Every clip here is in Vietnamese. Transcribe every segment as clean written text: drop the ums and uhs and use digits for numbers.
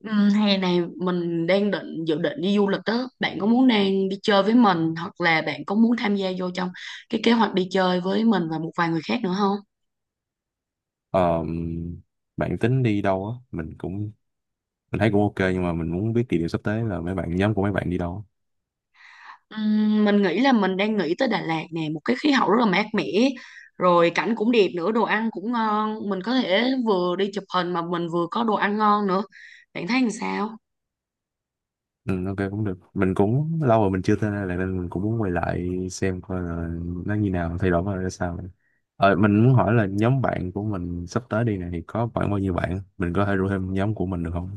Ừ, hè này mình đang định dự định đi du lịch đó. Bạn có muốn đang đi chơi với mình hoặc là bạn có muốn tham gia vô trong cái kế hoạch đi chơi với mình và một vài người khác nữa không? Ờ, bạn tính đi đâu á? Mình thấy cũng ok, nhưng mà mình muốn biết địa điểm sắp tới là mấy bạn, nhóm của mấy bạn đi đâu. Mình nghĩ là mình đang nghĩ tới Đà Lạt nè, một cái khí hậu rất là mát mẻ, rồi cảnh cũng đẹp nữa, đồ ăn cũng ngon, mình có thể vừa đi chụp hình mà mình vừa có đồ ăn ngon nữa. Bạn thấy làm sao? Ừ, ok cũng được. Mình cũng lâu rồi mình chưa tới đây lại nên mình cũng muốn quay lại xem coi là nó như nào, thay đổi coi ra sao. Mình muốn hỏi là nhóm bạn của mình sắp tới đi này thì có khoảng bao nhiêu bạn? Mình có thể rủ thêm nhóm của mình được không?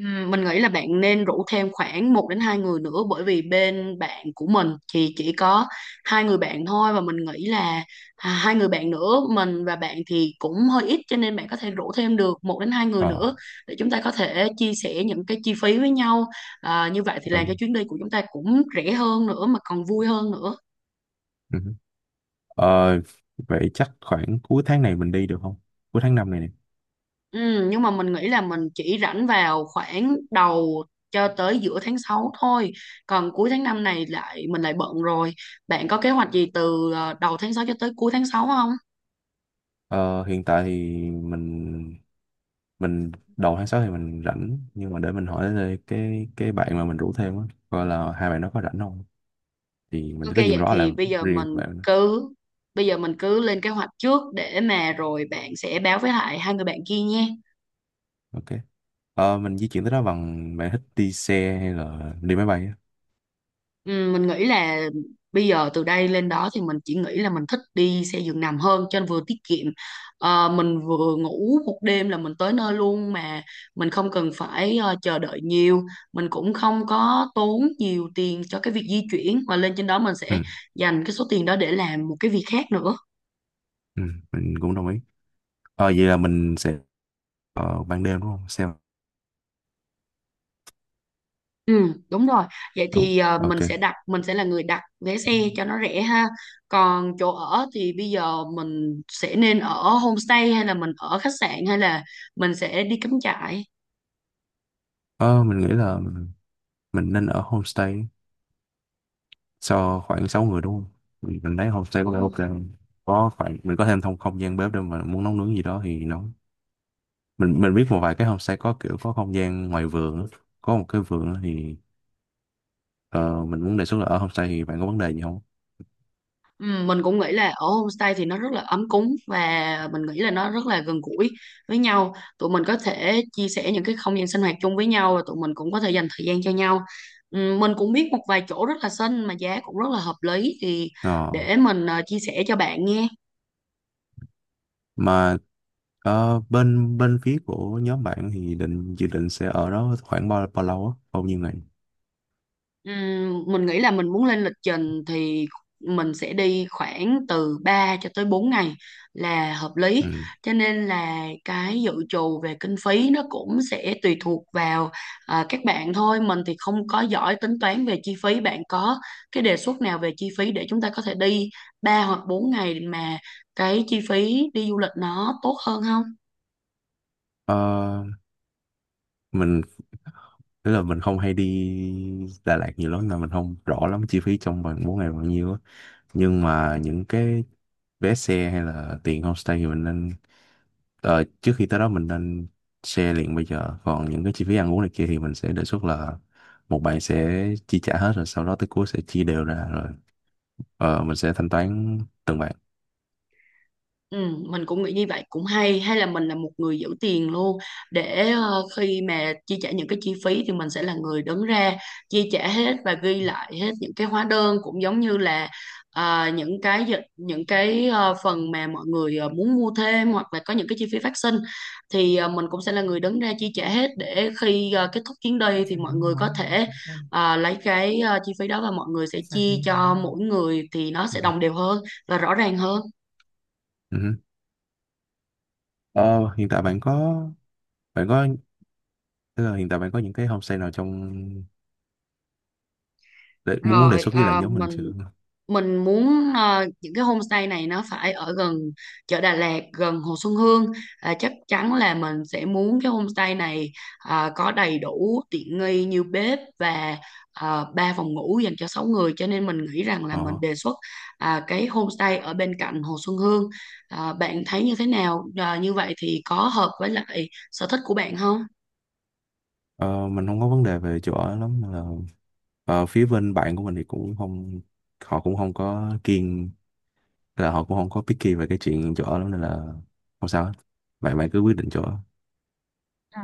Mình nghĩ là bạn nên rủ thêm khoảng một đến 2 người nữa, bởi vì bên bạn của mình thì chỉ có hai người bạn thôi. Và mình nghĩ là à, hai người bạn nữa, mình và bạn, thì cũng hơi ít, cho nên bạn có thể rủ thêm được một đến hai người nữa Ờ, để chúng ta có thể chia sẻ những cái chi phí với nhau. À, như vậy thì làm ừ, cho chuyến đi của chúng ta cũng rẻ hơn nữa mà còn vui hơn nữa. ừ. Ờ, vậy chắc khoảng cuối tháng này mình đi được không? Cuối tháng năm này nè. Ừ, nhưng mà mình nghĩ là mình chỉ rảnh vào khoảng đầu cho tới giữa tháng 6 thôi. Còn cuối tháng 5 này lại mình lại bận rồi. Bạn có kế hoạch gì từ đầu tháng 6 cho tới cuối tháng 6 không? Ờ, hiện tại thì mình đầu tháng 6 thì mình rảnh, nhưng mà để mình hỏi đây cái bạn mà mình rủ thêm á, coi là hai bạn nó có rảnh không, thì mình Ok, có gì mình vậy nói là thì riêng bạn nữa. cứ bây giờ mình cứ lên kế hoạch trước để mà rồi bạn sẽ báo với lại hai người bạn kia nha. Ok, mình di chuyển tới đó bằng... bạn thích đi xe hay là đi máy bay á? Ừ, mình nghĩ là bây giờ từ đây lên đó thì mình chỉ nghĩ là mình thích đi xe giường nằm hơn, cho nên vừa tiết kiệm. Mình vừa ngủ một đêm là mình tới nơi luôn, mà mình không cần phải chờ đợi nhiều. Mình cũng không có tốn nhiều tiền cho cái việc di chuyển, và lên trên đó mình Ừ, sẽ dành cái số tiền đó để làm một cái việc khác nữa. ừ, mình cũng đồng ý. Vậy là mình sẽ ở ban đêm đúng không, xe? Ừ, đúng rồi. Vậy Ồ, thì mình ok. sẽ đặt mình sẽ là người đặt vé xe cho nó rẻ ha. Còn chỗ ở thì bây giờ mình sẽ nên ở homestay, hay là mình ở khách sạn, hay là mình sẽ đi cắm trại? Ờ, mình nghĩ là mình nên ở homestay cho khoảng 6 người đúng không? Mình thấy homestay có Đúng vẻ ok không? không? Có khoảng mình có thêm thông không gian bếp để mà muốn nấu nướng gì đó thì nấu. Mình biết một vài cái homestay có kiểu có không gian ngoài vườn á, có một cái vườn á, thì ờ, mình muốn đề xuất là ở homestay, thì bạn có vấn đề gì không? Ừ, mình cũng nghĩ là ở homestay thì nó rất là ấm cúng, và mình nghĩ là nó rất là gần gũi với nhau. Tụi mình có thể chia sẻ những cái không gian sinh hoạt chung với nhau, và tụi mình cũng có thể dành thời gian cho nhau. Ừ, mình cũng biết một vài chỗ rất là xinh mà giá cũng rất là hợp lý, thì Ờ, để mình chia sẻ cho bạn nghe. mà ờ, bên bên phía của nhóm bạn thì định dự định sẽ ở đó khoảng bao bao lâu á, bao nhiêu ngày? Mình nghĩ là mình muốn lên lịch trình thì mình sẽ đi khoảng từ 3 cho tới 4 ngày là hợp lý. Ừ. Cho nên là cái dự trù về kinh phí nó cũng sẽ tùy thuộc vào à, các bạn thôi. Mình thì không có giỏi tính toán về chi phí. Bạn có cái đề xuất nào về chi phí để chúng ta có thể đi 3 hoặc 4 ngày mà cái chi phí đi du lịch nó tốt hơn không? Ờ, mình tức là mình không hay đi Đà Lạt nhiều lắm nên mình không rõ lắm chi phí trong vòng 4 ngày bao nhiêu á, nhưng mà những cái vé xe hay là tiền homestay thì mình nên... Trước khi tới đó mình nên share liền bây giờ. Còn những cái chi phí ăn uống này kia thì mình sẽ đề xuất là một bạn sẽ chi trả hết rồi sau đó tới cuối sẽ chia đều ra rồi mình sẽ thanh toán từng bạn. Ừ, mình cũng nghĩ như vậy cũng hay, hay là mình là một người giữ tiền luôn, để khi mà chi trả những cái chi phí thì mình sẽ là người đứng ra chi trả hết và ghi lại hết những cái hóa đơn. Cũng giống như là những cái những cái phần mà mọi người muốn mua thêm, hoặc là có những cái chi phí phát sinh, thì mình cũng sẽ là người đứng ra chi trả hết. Để khi kết thúc chuyến đi Ok. thì mọi người có thể lấy cái chi phí đó, và mọi người sẽ chia cho mỗi người thì nó sẽ đồng đều hơn và rõ ràng hơn. Ừ. Ờ, hiện tại bạn có tức là hiện tại bạn có những cái homestay nào trong... để muốn đề Rồi xuất với lại à, nhóm mình mình chưa? mình muốn à, những cái homestay này nó phải ở gần chợ Đà Lạt, gần Hồ Xuân Hương. À, chắc chắn là mình sẽ muốn cái homestay này à, có đầy đủ tiện nghi như bếp và à, ba phòng ngủ dành cho 6 người. Cho nên mình nghĩ rằng là mình Ờ, đề xuất à, cái homestay ở bên cạnh Hồ Xuân Hương. À, bạn thấy như thế nào? À, như vậy thì có hợp với lại sở thích của bạn không? ờ, mình không có vấn đề về chỗ ở lắm nên là phía bên bạn của mình thì cũng không... họ cũng không có kiêng. Nên là họ cũng không có picky về cái chuyện chỗ ở lắm nên là không sao hết. Bạn bạn cứ quyết định chỗ ở. Ừ.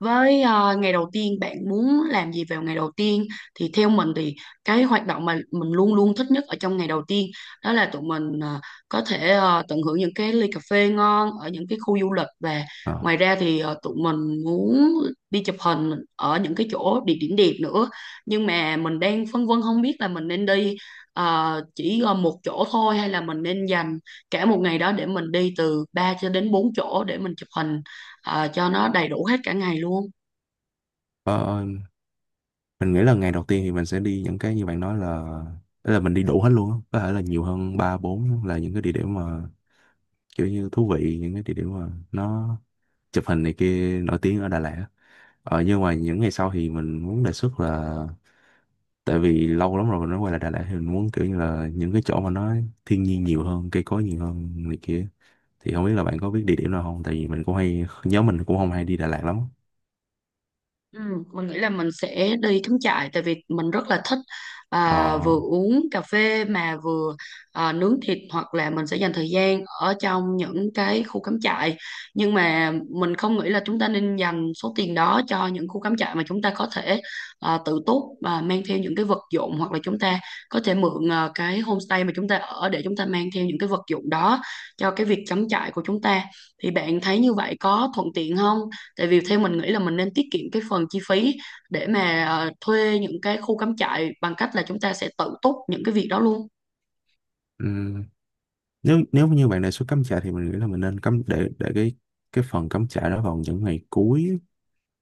Với ngày đầu tiên bạn muốn làm gì vào ngày đầu tiên? Thì theo mình thì cái hoạt động mà mình luôn luôn thích nhất ở trong ngày đầu tiên đó là tụi mình có thể tận hưởng những cái ly cà phê ngon ở những cái khu du lịch. Và Ờ. ngoài ra thì tụi mình muốn đi chụp hình ở những cái chỗ địa điểm đẹp nữa, nhưng mà mình đang phân vân không biết là mình nên đi chỉ một chỗ thôi, hay là mình nên dành cả một ngày đó để mình đi từ 3 cho đến 4 chỗ để mình chụp hình cho nó đầy đủ hết cả ngày luôn. Ờ, ờ, mình nghĩ là ngày đầu tiên thì mình sẽ đi những cái như bạn nói là, tức là mình đi đủ hết luôn á, có thể là nhiều hơn ba bốn là những cái địa điểm mà kiểu như thú vị, những cái địa điểm mà nó chụp hình này kia nổi tiếng ở Đà Lạt á. Nhưng mà những ngày sau thì mình muốn đề xuất là tại vì lâu lắm rồi mình mới quay lại Đà Lạt, thì mình muốn kiểu như là những cái chỗ mà nó thiên nhiên nhiều hơn, cây cối nhiều hơn này kia, thì không biết là bạn có biết địa điểm nào không tại vì mình cũng hay... nhóm mình cũng không hay đi Đà Lạt lắm. Ừ, mình nghĩ là mình sẽ đi cắm trại, tại vì mình rất là thích à, Ờ. vừa uống cà phê mà vừa à, nướng thịt, hoặc là mình sẽ dành thời gian ở trong những cái khu cắm trại. Nhưng mà mình không nghĩ là chúng ta nên dành số tiền đó cho những khu cắm trại, mà chúng ta có thể à, tự túc và mang theo những cái vật dụng, hoặc là chúng ta có thể mượn à, cái homestay mà chúng ta ở để chúng ta mang theo những cái vật dụng đó cho cái việc cắm trại của chúng ta. Thì bạn thấy như vậy có thuận tiện không? Tại vì theo mình nghĩ là mình nên tiết kiệm cái phần chi phí để mà thuê những cái khu cắm trại bằng cách là chúng ta sẽ tự túc những cái việc đó luôn. ừm, nếu nếu như bạn đề xuất cắm trại thì mình nghĩ là mình nên cắm... để cái phần cắm trại đó vào những ngày cuối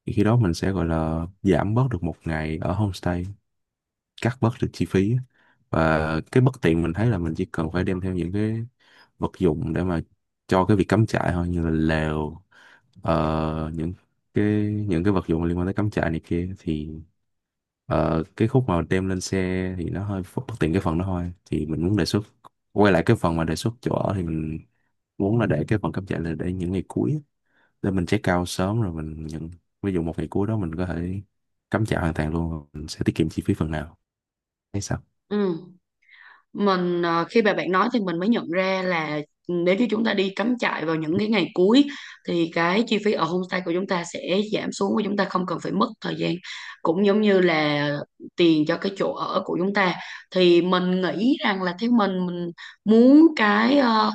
thì khi đó mình sẽ gọi là giảm bớt được một ngày ở homestay, cắt bớt được chi phí. Và cái bất tiện mình thấy là mình chỉ cần phải đem theo những cái vật dụng để mà cho cái việc cắm trại thôi như là lều, những cái những cái vật dụng liên quan tới cắm trại này kia, thì cái khúc mà đem lên xe thì nó hơi bất tiện cái phần đó thôi. Thì mình muốn đề xuất quay lại cái phần mà đề xuất chỗ ở, thì mình muốn là để cái phần cắm trại là để những ngày cuối để mình check out sớm rồi mình nhận... ví dụ một ngày cuối đó mình có thể cắm trại hoàn toàn luôn, mình sẽ tiết kiệm chi phí phần nào hay sao. Ừ. Khi mà bạn nói thì mình mới nhận ra là nếu như chúng ta đi cắm trại vào những cái ngày cuối thì cái chi phí ở homestay của chúng ta sẽ giảm xuống, và chúng ta không cần phải mất thời gian, cũng giống như là tiền cho cái chỗ ở của chúng ta. Thì mình nghĩ rằng là theo mình muốn cái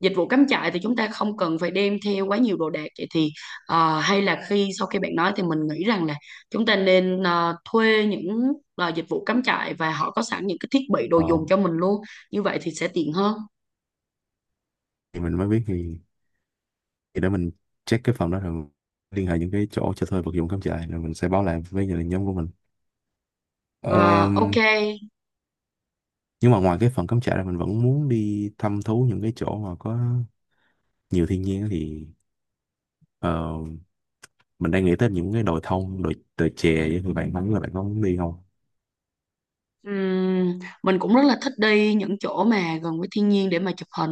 dịch vụ cắm trại thì chúng ta không cần phải đem theo quá nhiều đồ đạc. Vậy thì hay là sau khi bạn nói thì mình nghĩ rằng là chúng ta nên thuê những là dịch vụ cắm trại và họ có sẵn những cái thiết bị đồ ờ, dùng cho mình luôn, như vậy thì sẽ tiện hơn. thì mình mới biết thì để mình check cái phòng đó rồi liên hệ những cái chỗ cho thuê vật dụng cắm trại rồi mình sẽ báo lại với gia đình nhóm của mình. À, ok. Ờm, nhưng mà ngoài cái phần cắm trại là mình vẫn muốn đi thăm thú những cái chỗ mà có nhiều thiên nhiên á, thì ờ, mình đang nghĩ tới những cái đồi thông, đồi đồi chè với, thì bạn... không biết là bạn có muốn đi không? Mình cũng rất là thích đi những chỗ mà gần với thiên nhiên để mà chụp hình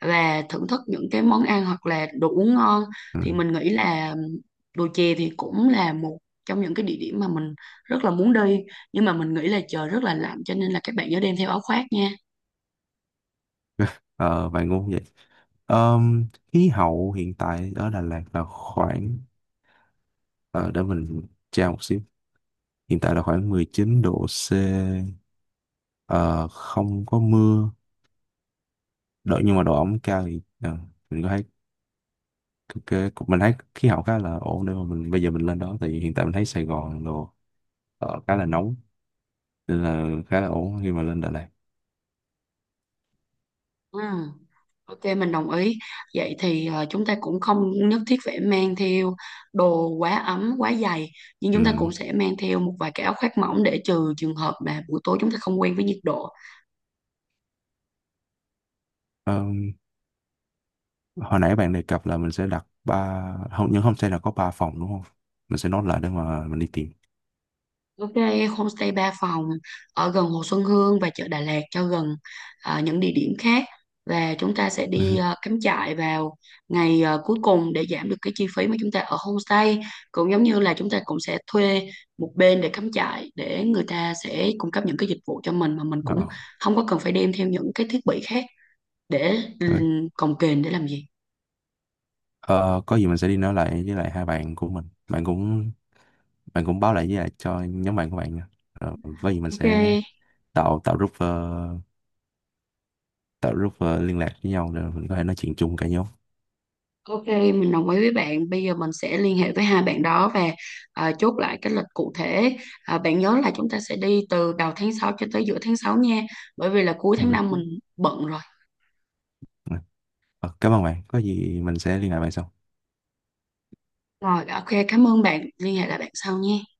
và thưởng thức những cái món ăn hoặc là đồ uống ngon. Ừ. Thì mình nghĩ là đồi chè thì cũng là một trong những cái địa điểm mà mình rất là muốn đi, nhưng mà mình nghĩ là trời rất là lạnh cho nên là các bạn nhớ đem theo áo khoác nha. Ờ, bạn ngu vậy. Ờm, khí hậu hiện tại ở Đà Lạt là khoảng... ờ, để mình tra một xíu. Hiện tại là khoảng 19°C, ờ, không có mưa độ, nhưng mà độ ẩm cao. Thì mình có thấy cái, mình thấy khí hậu khá là ổn nếu mà mình bây giờ mình lên đó, thì hiện tại mình thấy Sài Gòn đồ ở khá là nóng nên là khá là ổn khi mà lên Đà Lạt. Ừm. Ok, mình đồng ý. Vậy thì chúng ta cũng không nhất thiết phải mang theo đồ quá ấm, quá dày, nhưng chúng ta Ừ. cũng sẽ mang theo một vài cái áo khoác mỏng để trừ trường hợp mà buổi tối chúng ta không quen với nhiệt độ. Ờ, hồi nãy bạn đề cập là mình sẽ đặt ba... không, nhưng không, sẽ là có ba phòng đúng không, mình sẽ nốt lại để mà mình đi tìm. Ok, homestay 3 phòng ở gần Hồ Xuân Hương và chợ Đà Lạt, cho gần à, những địa điểm khác, và chúng ta sẽ Ừ. đi à, cắm trại vào ngày à, cuối cùng để giảm được cái chi phí mà chúng ta ở homestay. Cũng giống như là chúng ta cũng sẽ thuê một bên để cắm trại, để người ta sẽ cung cấp những cái dịch vụ cho mình, mà mình Ờ, cũng không có cần phải đem theo những cái thiết bị khác để rồi. cồng kềnh để làm gì. Ờ, có gì mình sẽ đi nói lại với lại hai bạn của mình. Bạn cũng báo lại với lại cho nhóm bạn của bạn nha. Ờ, có gì mình Ok, sẽ tạo tạo group ờ, liên lạc với nhau để mình có thể nói chuyện chung cả nhóm. Ok, mình đồng ý với bạn. Bây giờ mình sẽ liên hệ với hai bạn đó và à, chốt lại cái lịch cụ thể. À, bạn nhớ là chúng ta sẽ đi từ đầu tháng 6 cho tới giữa tháng 6 nha. Bởi vì là cuối tháng 5 Ok. mình bận rồi. Ờ, cảm ơn bạn. Có gì mình sẽ liên lạc bạn sau. Rồi, ok, cảm ơn bạn. Liên hệ lại bạn sau nha.